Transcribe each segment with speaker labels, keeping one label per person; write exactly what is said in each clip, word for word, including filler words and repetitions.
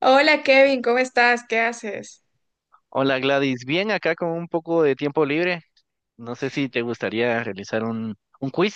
Speaker 1: Hola Kevin, ¿cómo estás? ¿Qué haces?
Speaker 2: Hola Gladys, bien acá con un poco de tiempo libre. No sé si te gustaría realizar un, un quiz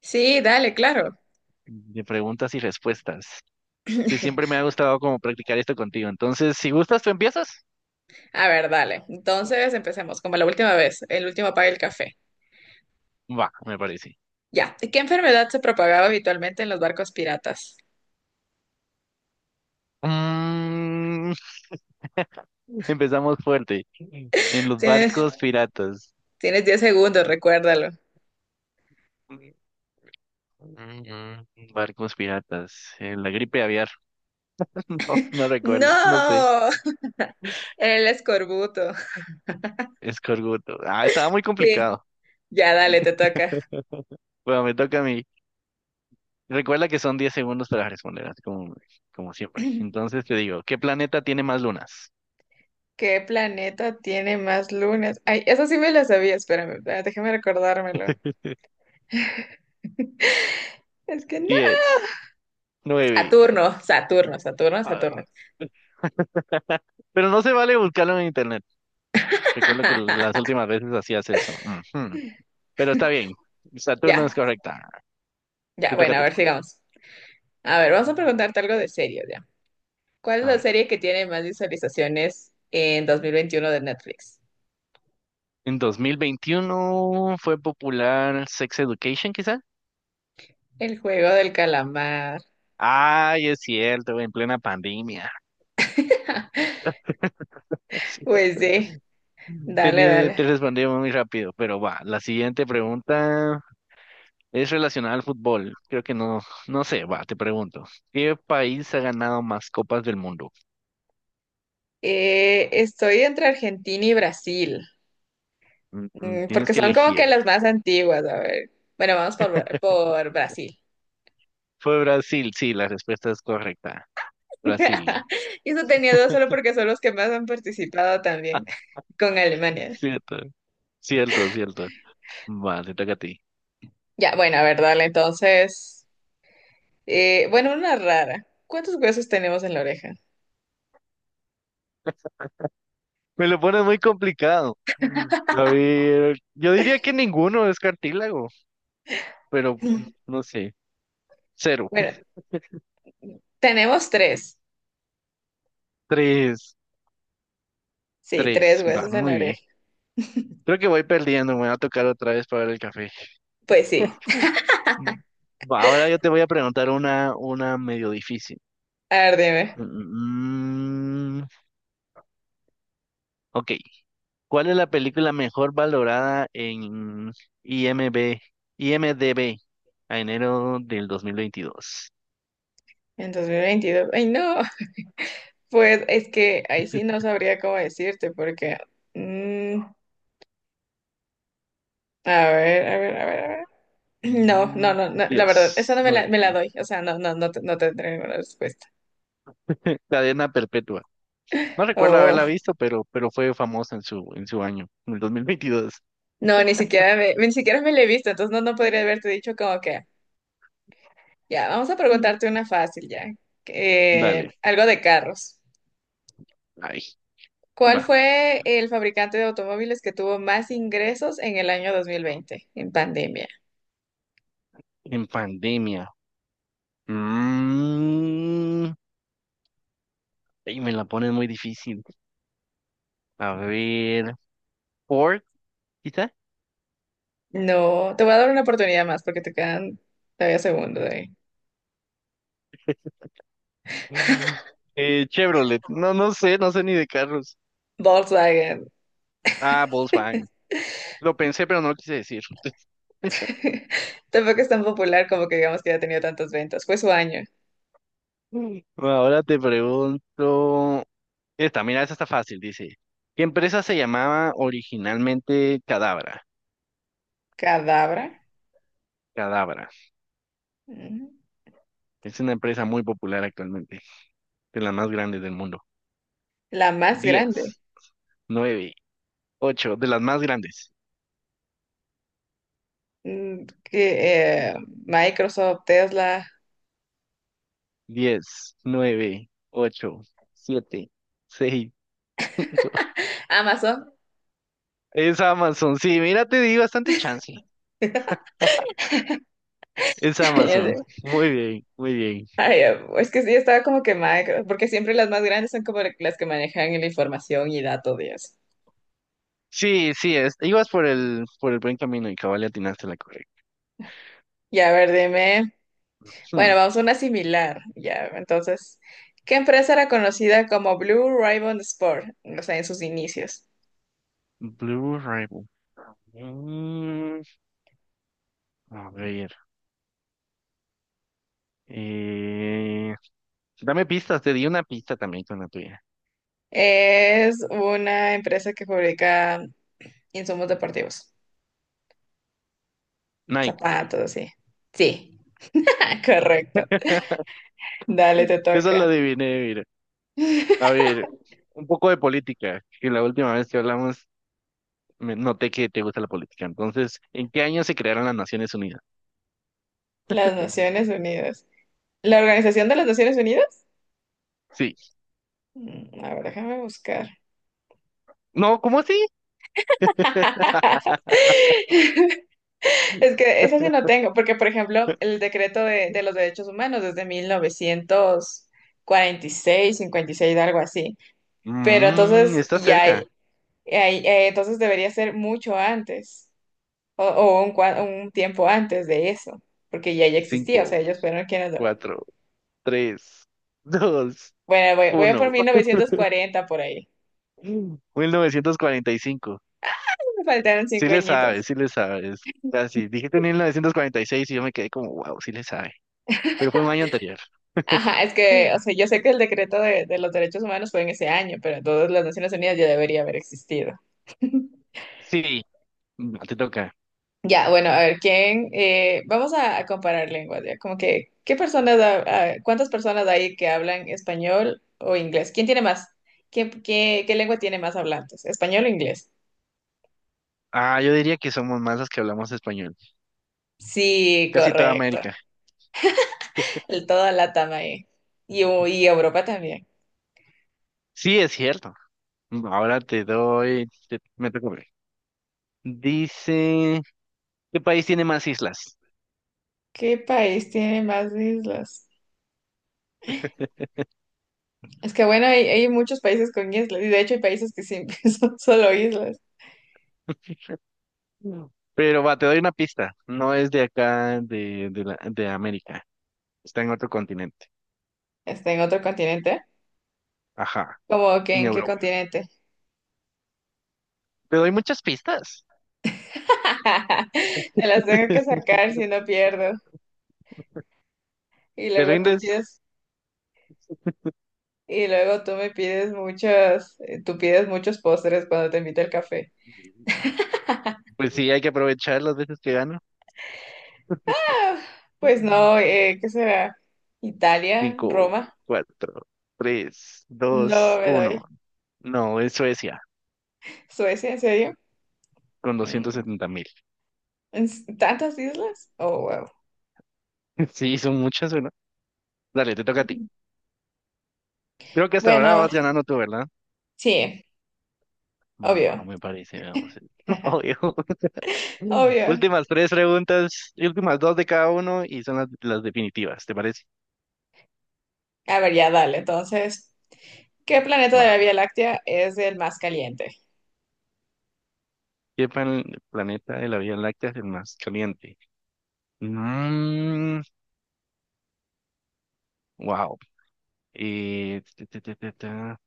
Speaker 1: Sí, dale, claro.
Speaker 2: de preguntas y respuestas, que siempre me ha gustado como practicar esto contigo. Entonces, si gustas, tú empiezas.
Speaker 1: A ver, dale. Entonces empecemos, como la última vez, el último apaga el café.
Speaker 2: Va, me parece.
Speaker 1: Ya. ¿Qué enfermedad se propagaba habitualmente en los barcos piratas?
Speaker 2: Mm, empezamos fuerte. En los
Speaker 1: Tienes,
Speaker 2: barcos piratas.
Speaker 1: tienes diez segundos, recuérdalo.
Speaker 2: Mm, mm, Barcos piratas. En la gripe aviar. No, no recuerdo, no sé.
Speaker 1: ¡No! El escorbuto.
Speaker 2: Escorbuto. Ah, estaba muy
Speaker 1: Sí.
Speaker 2: complicado.
Speaker 1: Ya, dale, te toca.
Speaker 2: Bueno, me toca a mí. Recuerda que son diez segundos para responder, así como, como siempre. Entonces te digo, ¿qué planeta tiene más lunas?
Speaker 1: ¿Qué planeta tiene más lunas? Ay, eso sí me lo sabía, espérame, espérame, déjame recordármelo. Es que no.
Speaker 2: Diez, nueve.
Speaker 1: Saturno, Saturno, Saturno,
Speaker 2: ah,
Speaker 1: Saturno.
Speaker 2: Pero no se vale buscarlo en internet. Recuerdo que las últimas veces hacías eso. Ujú. Pero está bien. Saturno es
Speaker 1: Ya,
Speaker 2: correcta. Te
Speaker 1: ya,
Speaker 2: toca a
Speaker 1: bueno, a
Speaker 2: ti.
Speaker 1: ver, sigamos. A ver, vamos a preguntarte algo de serio ya. ¿Cuál es
Speaker 2: A
Speaker 1: la
Speaker 2: ver.
Speaker 1: serie que tiene más visualizaciones en dos mil veintiuno de Netflix?
Speaker 2: En dos mil veintiuno fue popular Sex Education, quizá.
Speaker 1: El juego del calamar.
Speaker 2: Ay, es cierto, en plena pandemia. Sí.
Speaker 1: Pues sí, dale,
Speaker 2: Tenía-
Speaker 1: dale.
Speaker 2: te respondí muy rápido, pero va. La siguiente pregunta. Es relacionada al fútbol. Creo que no, no sé, va, te pregunto. ¿Qué país ha ganado más copas del mundo?
Speaker 1: Eh, estoy entre Argentina y Brasil.
Speaker 2: Mm, mm,
Speaker 1: Mm,
Speaker 2: Tienes
Speaker 1: porque
Speaker 2: que
Speaker 1: son como que
Speaker 2: elegir.
Speaker 1: las más antiguas. A ver, bueno, vamos por, Bra- por Brasil.
Speaker 2: Fue Brasil, sí, la respuesta es correcta. Brasil.
Speaker 1: Y eso tenía dos solo porque son los que más han participado también con Alemania.
Speaker 2: Cierto, cierto, cierto. Va, te toca a ti.
Speaker 1: Ya, bueno, a ver, dale, entonces. Eh, bueno, una rara. ¿Cuántos huesos tenemos en la oreja?
Speaker 2: Me lo pones muy complicado. A ver, yo diría que ninguno es cartílago, pero no sé. Cero.
Speaker 1: Bueno, tenemos tres.
Speaker 2: Tres,
Speaker 1: Sí, tres
Speaker 2: tres. Va,
Speaker 1: huesos en la
Speaker 2: muy bien.
Speaker 1: oreja.
Speaker 2: Creo que voy perdiendo, me va a tocar otra vez para el café.
Speaker 1: Pues sí,
Speaker 2: Mm. Va, ahora yo te voy a preguntar una, una medio difícil.
Speaker 1: a ver, dime.
Speaker 2: Mm, ok, ¿cuál es la película mejor valorada en I M B IMDb a enero del dos mil veintidós?
Speaker 1: En dos mil veintidós. Ay, no. Pues es que ahí sí no sabría cómo decirte porque mm, a ver, a ver, a ver, a ver. No, no,
Speaker 2: Mm,
Speaker 1: no, no, la verdad,
Speaker 2: yes,
Speaker 1: esa no me
Speaker 2: no,
Speaker 1: la, me la
Speaker 2: eh,
Speaker 1: doy. O sea, no, no, no, te- no tendré ninguna respuesta.
Speaker 2: Cadena Perpetua. No recuerdo
Speaker 1: Oh,
Speaker 2: haberla visto, pero, pero fue famosa en su, en su año, en el dos mil veintidós.
Speaker 1: no, ni siquiera me, ni siquiera me la he visto, entonces no, no podría haberte dicho como que... Ya, vamos a
Speaker 2: Mm.
Speaker 1: preguntarte una fácil ya. Eh,
Speaker 2: Dale,
Speaker 1: algo de carros.
Speaker 2: ahí
Speaker 1: ¿Cuál
Speaker 2: va,
Speaker 1: fue el fabricante de automóviles que tuvo más ingresos en el año dos mil veinte, en pandemia?
Speaker 2: en pandemia. Mm, y me la pones muy difícil. A ver, Ford, quizá.
Speaker 1: No, te voy a dar una oportunidad más porque te quedan todavía segundos ahí.
Speaker 2: Mm. Eh, Chevrolet, no, no sé, no sé ni de carros.
Speaker 1: Volkswagen.
Speaker 2: Ah, Volkswagen. Lo pensé, pero no lo quise decir.
Speaker 1: Tampoco es tan popular como que digamos que haya tenido tantas ventas. Fue su año.
Speaker 2: Mm. Ahora te pregunto. Esta, mira, esta está fácil, dice. ¿Qué empresa se llamaba originalmente Cadabra?
Speaker 1: Cadabra.
Speaker 2: Cadabra.
Speaker 1: Mm.
Speaker 2: Es una empresa muy popular actualmente, de las más grandes del mundo.
Speaker 1: La más grande.
Speaker 2: Diez, nueve, ocho, de las más grandes.
Speaker 1: Mm, que, eh, Microsoft, Tesla,
Speaker 2: Diez, nueve, ocho, siete, seis.
Speaker 1: Amazon.
Speaker 2: Es Amazon, sí, mira, te di bastante chance. Es
Speaker 1: Ya sé.
Speaker 2: Amazon. Muy bien, muy bien.
Speaker 1: Ay, eh, es que sí, estaba como que quemada, porque siempre las más grandes son como las que manejan la información y datos de eso.
Speaker 2: Sí, sí, es, ibas por el, por el buen camino y cabal le atinaste la correcta.
Speaker 1: Ya, a ver, dime. Bueno,
Speaker 2: Hmm,
Speaker 1: vamos a una similar. Ya, entonces, ¿qué empresa era conocida como Blue Ribbon Sport? O sea, en sus inicios.
Speaker 2: Blue Rival. Mm, a ver. eh, dame pistas, te di una pista también con la tuya.
Speaker 1: Es una empresa que fabrica insumos deportivos,
Speaker 2: Nike.
Speaker 1: zapatos, así. Sí, correcto. Dale, te
Speaker 2: Esa la
Speaker 1: toca.
Speaker 2: adiviné, mira. A ver, un poco de política, que la última vez que hablamos me noté que te gusta la política. Entonces, ¿en qué año se crearon las Naciones Unidas?
Speaker 1: Las Naciones Unidas. ¿La Organización de las Naciones Unidas?
Speaker 2: Sí.
Speaker 1: Mm. A ver, déjame buscar.
Speaker 2: No, ¿cómo así?
Speaker 1: Es que eso sí no tengo, porque por ejemplo, el decreto de, de los derechos humanos desde mil novecientos cuarenta y seis, cincuenta y seis, algo así. Pero
Speaker 2: Mm,
Speaker 1: entonces
Speaker 2: está
Speaker 1: ya hay-
Speaker 2: cerca.
Speaker 1: hay- eh, entonces debería ser mucho antes o, o un, cua- un tiempo antes de eso, porque ya ya existía, o sea,
Speaker 2: Cinco,
Speaker 1: ellos fueron quienes lo-
Speaker 2: cuatro, tres, dos,
Speaker 1: Bueno, voy, voy a por
Speaker 2: uno.
Speaker 1: mil novecientos cuarenta por ahí.
Speaker 2: Mil novecientos cuarenta y cinco.
Speaker 1: Me faltaron
Speaker 2: Sí
Speaker 1: cinco
Speaker 2: le sabes,
Speaker 1: añitos.
Speaker 2: sí le sabes. Casi. Dijiste mil novecientos cuarenta y seis y yo me quedé como, wow, sí le sabe. Pero fue un año anterior.
Speaker 1: Ajá, es que,
Speaker 2: Sí.
Speaker 1: o sea, yo sé que el decreto de, de los derechos humanos fue en ese año, pero entonces las Naciones Unidas ya debería haber existido.
Speaker 2: Sí, mm, te toca.
Speaker 1: Ya, bueno, a ver, ¿quién? Eh, vamos a, a comparar lenguas, ya, como que, ¿qué personas, ha- ha- cuántas personas hay que hablan español o inglés? ¿Quién tiene más? ¿Qué, qué, qué lengua tiene más hablantes? ¿Español o inglés?
Speaker 2: Ah, yo diría que somos más los que hablamos español.
Speaker 1: Sí,
Speaker 2: Casi toda
Speaker 1: correcto.
Speaker 2: América.
Speaker 1: El, toda Latam ahí. Y, u- y Europa también.
Speaker 2: Sí, es cierto. Mm, Ahora te doy, te- me toca. Dice, ¿qué país tiene más islas?
Speaker 1: ¿Qué país tiene más islas? Es que bueno, hay, hay muchos países con islas, y de hecho hay países que sí son solo islas.
Speaker 2: No. Pero va, te doy una pista. No es de acá, de, de, la- de América. Está en otro continente.
Speaker 1: Está en otro continente.
Speaker 2: Ajá,
Speaker 1: ¿Cómo que
Speaker 2: en
Speaker 1: en qué
Speaker 2: Europa.
Speaker 1: continente?
Speaker 2: Te doy muchas pistas.
Speaker 1: Te las tengo que sacar si no pierdo. Y
Speaker 2: ¿Te
Speaker 1: luego tú
Speaker 2: rindes?
Speaker 1: pides, y luego tú me pides muchos, eh, tú pides muchos postres cuando te invito al café.
Speaker 2: Pues sí, hay que aprovechar las veces que gano.
Speaker 1: Ah, pues no, eh, ¿qué será? Italia,
Speaker 2: Cinco,
Speaker 1: Roma.
Speaker 2: cuatro, tres, dos,
Speaker 1: No me doy.
Speaker 2: uno. No, es Suecia,
Speaker 1: Suecia, ¿en serio?
Speaker 2: con doscientos
Speaker 1: Mm.
Speaker 2: setenta mil.
Speaker 1: ¿En s- tantas islas? Oh, wow.
Speaker 2: Sí, son muchas, ¿verdad? Dale, te toca a ti. Creo que hasta ahora
Speaker 1: Bueno,
Speaker 2: vas ganando tú, ¿verdad?
Speaker 1: sí,
Speaker 2: Va,
Speaker 1: obvio.
Speaker 2: me parece, vamos. Obvio. Mm.
Speaker 1: Obvio.
Speaker 2: Últimas tres preguntas, y últimas dos de cada uno y son las, las definitivas, ¿te parece?
Speaker 1: A ver, ya dale, entonces. ¿Qué planeta de la
Speaker 2: Va.
Speaker 1: Vía Láctea es el más caliente?
Speaker 2: ¿Qué pan- planeta de la Vía Láctea es el más caliente? Mm, wow. Eh, ta, ta, ta, ta, ta.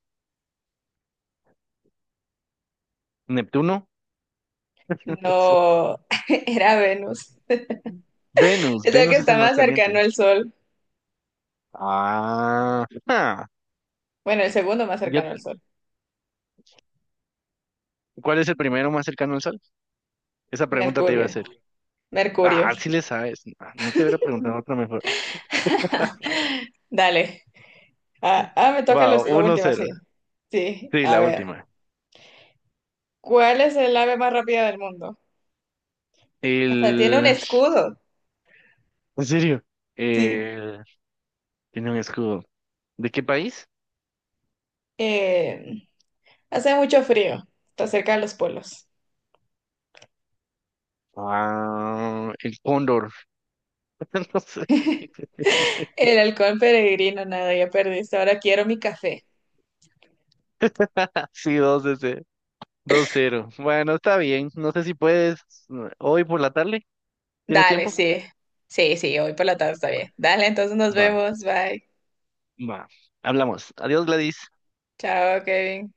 Speaker 2: ¿Neptuno? Sí.
Speaker 1: No, era Venus.
Speaker 2: Venus,
Speaker 1: Es el que
Speaker 2: Venus es el
Speaker 1: está
Speaker 2: más
Speaker 1: más cercano
Speaker 2: caliente.
Speaker 1: al Sol.
Speaker 2: Ah, ah.
Speaker 1: Bueno, el segundo más
Speaker 2: Yo-
Speaker 1: cercano al Sol.
Speaker 2: ¿cuál es el primero más cercano al Sol? Esa pregunta te iba a
Speaker 1: Mercurio.
Speaker 2: hacer.
Speaker 1: Mercurio.
Speaker 2: Ah, sí le sabes. Ah, no te hubiera preguntado otra mejor.
Speaker 1: Dale. Ah, ah, me toca
Speaker 2: Wow,
Speaker 1: los- la
Speaker 2: uno
Speaker 1: última,
Speaker 2: cero
Speaker 1: sí. Sí,
Speaker 2: Sí,
Speaker 1: a
Speaker 2: la
Speaker 1: ver.
Speaker 2: última.
Speaker 1: ¿Cuál es el ave más rápida del mundo? Hasta tiene un
Speaker 2: El...
Speaker 1: escudo.
Speaker 2: ¿En serio?
Speaker 1: Sí.
Speaker 2: Eh, tiene un escudo. ¿De qué país?
Speaker 1: Eh, hace mucho frío. Está cerca de los polos.
Speaker 2: Ah, el Cóndor. No sé.
Speaker 1: El halcón peregrino, nada, ya perdiste. Ahora quiero mi café.
Speaker 2: Sí, dos ese, dos cero. Bueno, está bien. No sé si puedes. eh, Hoy por la tarde. ¿Tienes
Speaker 1: Dale,
Speaker 2: tiempo?
Speaker 1: sí. Sí, sí, hoy por la tarde está bien. Dale, entonces nos
Speaker 2: Va,
Speaker 1: vemos. Bye.
Speaker 2: va. Hablamos. Adiós, Gladys.
Speaker 1: Chao, Kevin.